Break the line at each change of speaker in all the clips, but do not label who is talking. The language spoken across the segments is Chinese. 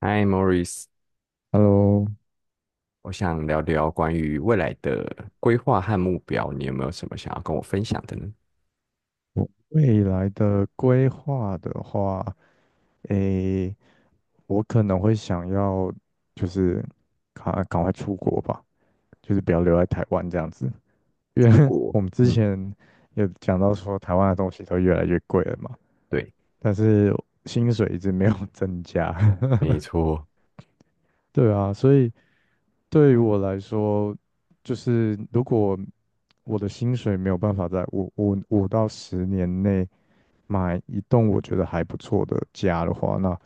嗨，Morris，
Hello，
我想聊聊关于未来的规划和目标，你有没有什么想要跟我分享的呢？
我未来的规划的话，诶，我可能会想要就是赶快出国吧，就是不要留在台湾这样子，因为
出 国，
我们之
嗯，
前有讲到说台湾的东西都越来越贵了嘛，
对，
但是薪水一直没有 增加，
没错，
对啊，所以对于我来说，就是如果我的薪水没有办法在五到十年内买一栋我觉得还不错的家的话，那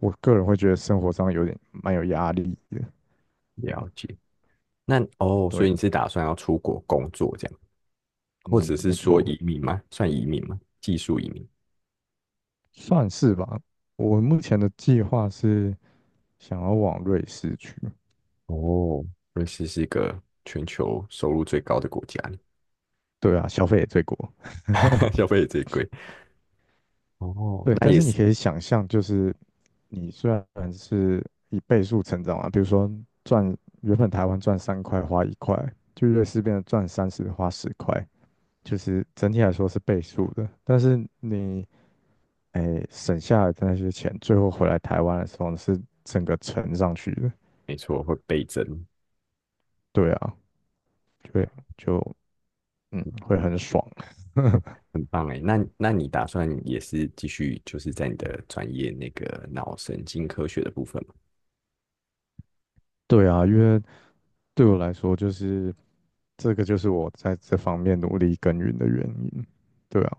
我个人会觉得生活上有点蛮有压力的。嗯，
了解。那哦，
对
所以
啊，
你是打算要出国工作这样，或者
嗯，
是
没
说
错，
移民吗？算移民吗？技术移民？
算是吧。我目前的计划是想要往瑞士去，
哦，瑞士是一个全球收入最高的国家，
对啊，消费也最高。
消费也最贵。哦，
对，
那
但
也
是你
是
可以想象，就是你虽然是以倍数成长啊，比如说赚原本台湾赚三块花一块，就瑞士变成赚三十花十块，就是整体来说是倍数的。但是你省下来的那些钱，最后回来台湾的时候是整个乘上去的。
没错，会倍增。
对啊，就会就嗯会很爽。
很棒哎，那你打算也是继续就是在你的专业那个脑神经科学的部分吗？
对啊，因为对我来说就是这个就是我在这方面努力耕耘的原因。对啊。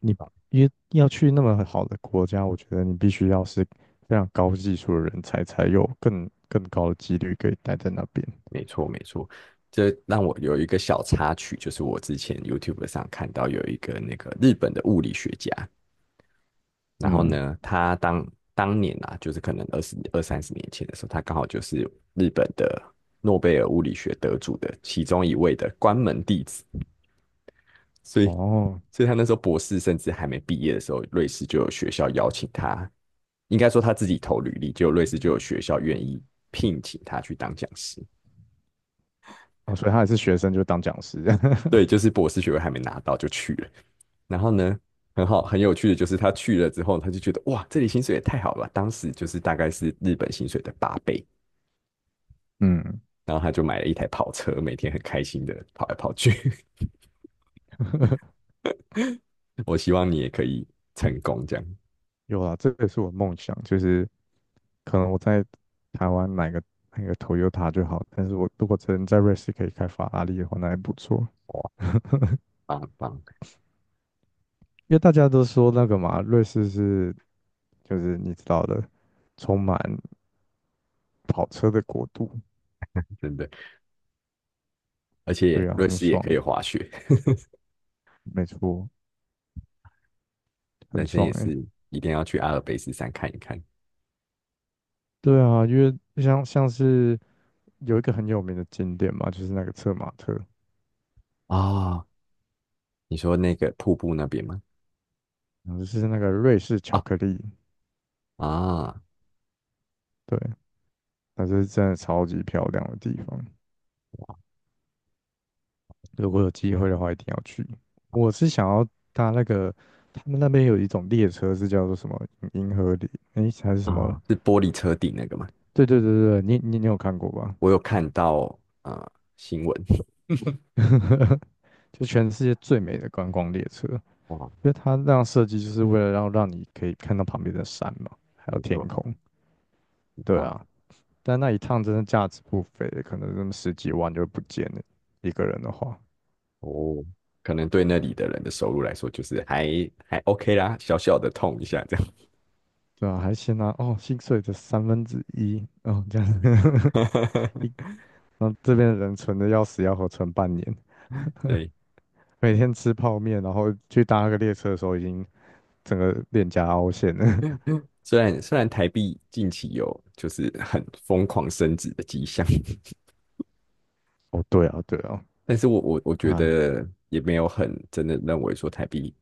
你因为要去那么好的国家，我觉得你必须要是非常高技术的人才，才有更高的几率可以待在那边。
没错没错，这让我有一个小插曲，就是我之前 YouTube 上看到有一个那个日本的物理学家，然后
嗯，
呢，他当年啊，就是可能二十二三十年前的时候，他刚好就是日本的诺贝尔物理学得主的其中一位的关门弟子，所以，
哦，
所以他那时候博士甚至还没毕业的时候，瑞士就有学校邀请他，应该说他自己投履历，就瑞士就有学校愿意聘请他去当讲师。
哦，所以他也是学生就当讲师。
对，就 是博士学位还没拿到就去了。然后呢，很好，很有趣的就是他去了之后，他就觉得哇，这里薪水也太好了吧，当时就是大概是日本薪水的8倍。
嗯，
然后他就买了一台跑车，每天很开心的跑来跑去。我希望你也可以成功，这样
有啊，这个是我梦想，就是可能我在台湾买个 Toyota 就好，但是我如果真在瑞士可以开法拉利的话，那还不错。
哇，棒棒，
因为大家都说那个嘛，瑞士是就是你知道的，充满跑车的国度，
真的。而且
对啊，
瑞
很
士也
爽。
可以滑雪，
没错，很
人生
爽
也
哎、
是一定要去阿尔卑斯山看一看
对啊，因为像是有一个很有名的景点嘛，就是那个策马特，
啊！你说那个瀑布那边吗？
然后就是那个瑞士巧
啊
克力，
啊
对，它是真的超级漂亮的地方。如果有机会的话，一定要去。我是想要搭那个，他们那边有一种列车是叫做什么银河里，还是什么？
啊！是玻璃车顶那个吗？
对对对对，你有看过吧？
我有
嗯
看到新闻，
就全世界最美的观光列车，
哇，
因为它那样设计就是为了让你可以看到旁边的山嘛，还有
没
天
错，
空。
很
对
棒
啊，但那一趟真的价值不菲，可能那么十几万就不见了，一个人的话。
哦。可能对那里的人的收入来说，就是还 OK 啦，小小的痛一下这样。
对啊，还先拿薪水的三分之一哦这样子，一 然后这边的人存的要死要活，存半年，
对，
每天吃泡面，然后去搭个列车的时候已经整个脸颊凹陷了。
虽然台币近期有就是很疯狂升值的迹象，
哦，对啊，对啊，
但是我觉
那
得也没有很真的认为说台币，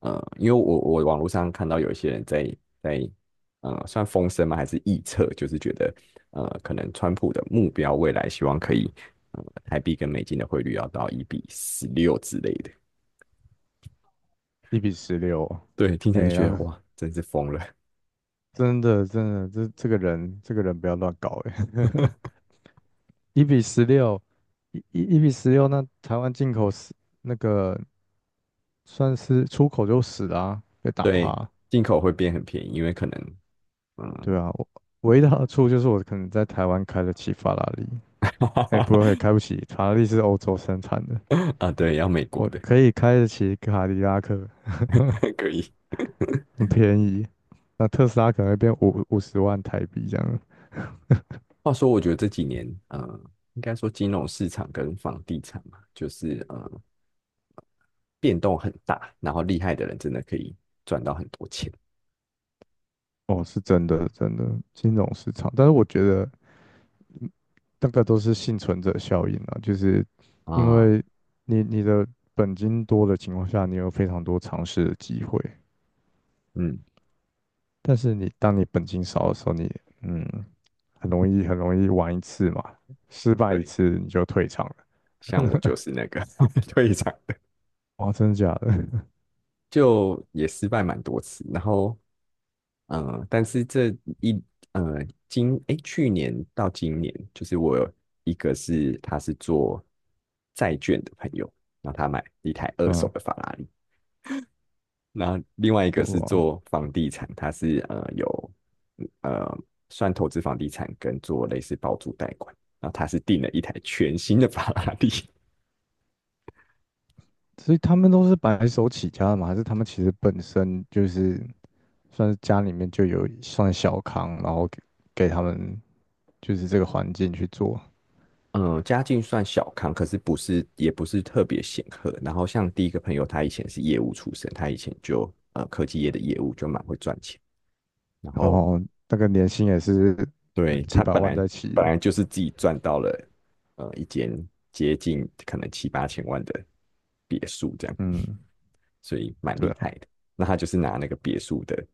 因为我网络上看到有一些人在算风声吗？还是臆测，就是觉得可能川普的目标未来希望可以台币跟美金的汇率要到1:16之类的。
一比十六哦，
对，听起
哎
来就觉得
呀，
哇，真是疯了。
真的真的，这这个人这个人不要乱搞哎，一比十六，一比十六，那台湾进口十那个算是出口就死啦，被打趴
对，
啊。
进口会变很便宜，因为可能嗯
对啊，我唯一的好处就是我可能在台湾开得起法拉利，哎、不会 开不起，法拉利是欧洲生产的，
啊对，要美国
我
的
可以开得起卡迪拉克，
可以。
很便宜。那特斯拉可能会变五十万台币这样。
话说，我觉得这几年，应该说金融市场跟房地产嘛，就是变动很大，然后厉害的人真的可以赚到很多钱。
哦，是真的，真的金融市场，但是我觉得。那个都是幸存者效应啊，就是因
啊，
为你的本金多的情况下，你有非常多尝试的机会，
嗯，
但是你当你本金少的时候，你嗯很容易玩一次嘛，失败一
对，
次你就退场了。
像我就是那个 退场的，
哇，真的假的？
就也失败蛮多次。然后，但是这一呃今诶去年到今年，就是我有一个是他是做债券的朋友，然后他买一台二手
嗯，
的法拉利，那另外一个是
哇，
做房地产，他是呃有呃算投资房地产跟做类似包租贷款。然后他是订了一台全新的法拉利，
所以他们都是白手起家的嘛，还是他们其实本身就是算是家里面就有算小康，然后给他们就是这个环境去做，
嗯，家境算小康，可是不是也不是特别显赫。然后像第一个朋友，他以前是业务出身，他以前就科技业的业务就蛮会赚钱，然
然
后
后那个年薪也是。
对
几
他
百
本
万
来
在起
本
的。
来就是自己赚到了一间接近可能七八千万的别墅这样。
嗯，
所以蛮
对
厉害
啊，
的。那他就是拿那个别墅的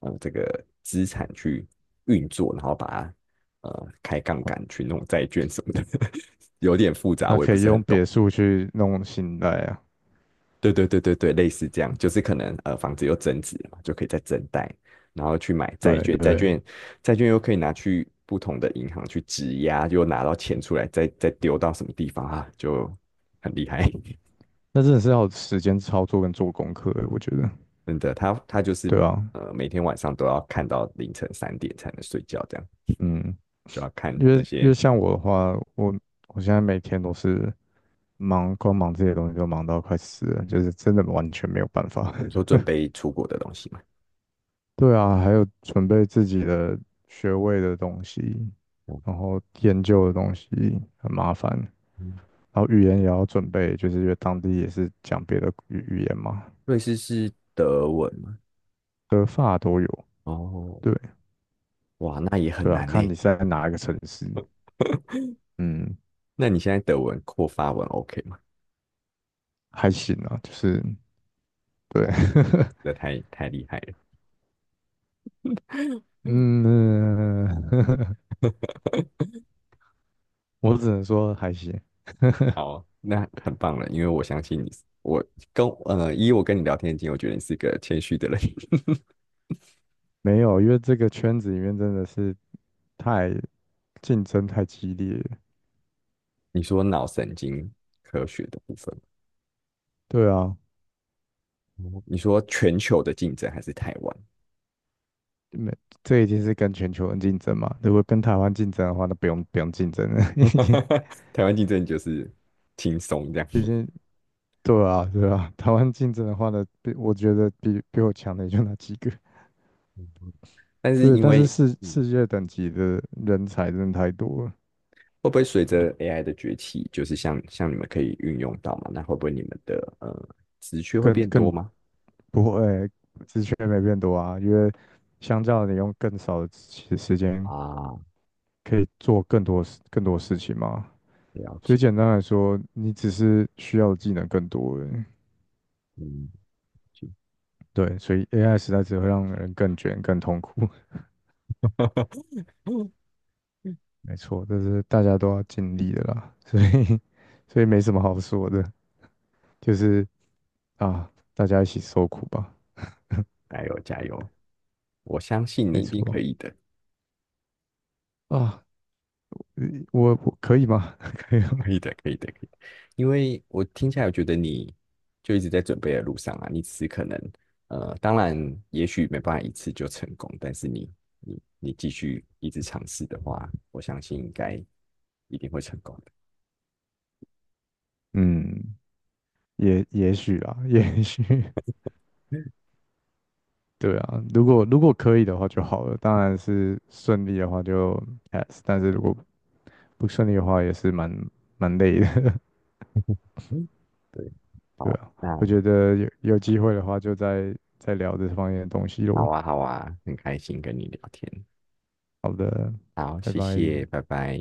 这个资产去运作，然后把它开杠杆去弄债券什么的，有点复杂，
他
我也
可
不
以
是很
用
懂。
别墅去弄信贷啊。
对对对对对，类似这样，就是可能房子又增值了嘛，就可以再增贷，然后去买债
对
券，债
对，
券债券又可以拿去不同的银行去质押，又拿到钱出来，再丢到什么地方啊，就很厉害。
那真的是要有时间操作跟做功课的，我觉得。
真的，他就是
对啊，
每天晚上都要看到凌晨3点才能睡觉，这样
嗯，
就要看
因为
那
因为
些
像我的话，我现在每天都是忙，光忙这些东西就忙到快死了，就是真的完全没有办法。
我说 准备出国的东西嘛。
对啊，还有准备自己的学位的东西，
哦
然后研究的东西很麻烦，
嗯，
然后语言也要准备，就是因为当地也是讲别的语言嘛，
瑞士是德文嘛？
德发都有，
哦，
对
哇，那也很
对啊，
难呢。
看你在哪一个城市，嗯，
那你现在德文或发文 OK 吗？
还行啊，就是对，
哇，这太厉害了
嗯，我只能说还行，
好，那很棒了，因为我相信你是以我跟你聊天的经验，我觉得你是一个谦虚的人。
没有，因为这个圈子里面真的是太竞争太激烈了，
你说脑神经科学的部分。
对啊，
哦你说全球的竞争还是台湾？
没，这已经是跟全球人竞争嘛，如果跟台湾竞争的话，那不用不用竞争了，已经
台湾竞争就是轻松这样，
已经对啊对啊，台湾竞争的话呢，比我觉得比我强的也就那几个，
但是
对，
因
但是
为
世
嗯，
世界等级的人才真的太多了，
会不会随着 AI 的崛起，就是像你们可以运用到嘛？那会不会你们的职缺会
更
变多
更
吗？
不会，职缺没变多啊，因为相较你用更少的时间
啊，
可以做更多事情嘛，
了
所以
解，
简单来说，你只是需要的技能更多而已。
嗯，了解
对，所以 AI 时代只会让人更卷、更痛苦。没错，这是大家都要尽力的啦，所以 所以没什么好说的，就是啊，大家一起受苦吧。
加油加油，我相信你
没
一定可
错
以的。
啊，呃我可以吗？可以吗？
可以的，可以的，可以的因为我听起来，我觉得你就一直在准备的路上啊。你只是可能，当然，也许没办法一次就成功，但是你继续一直尝试的话，我相信应该一定会成功的。
嗯，也许啦，也许，
嗯，
对啊，如果可以的话就好了，当然是顺利的话就 但是如果不顺利的话也是蛮累的，
嗯对，
对
好，
啊，
那
我觉得有机会的话就再聊这方面的东西
好
咯。
啊，好啊，很开心跟你聊天。
好的，
好，
拜
谢
拜。
谢，拜拜。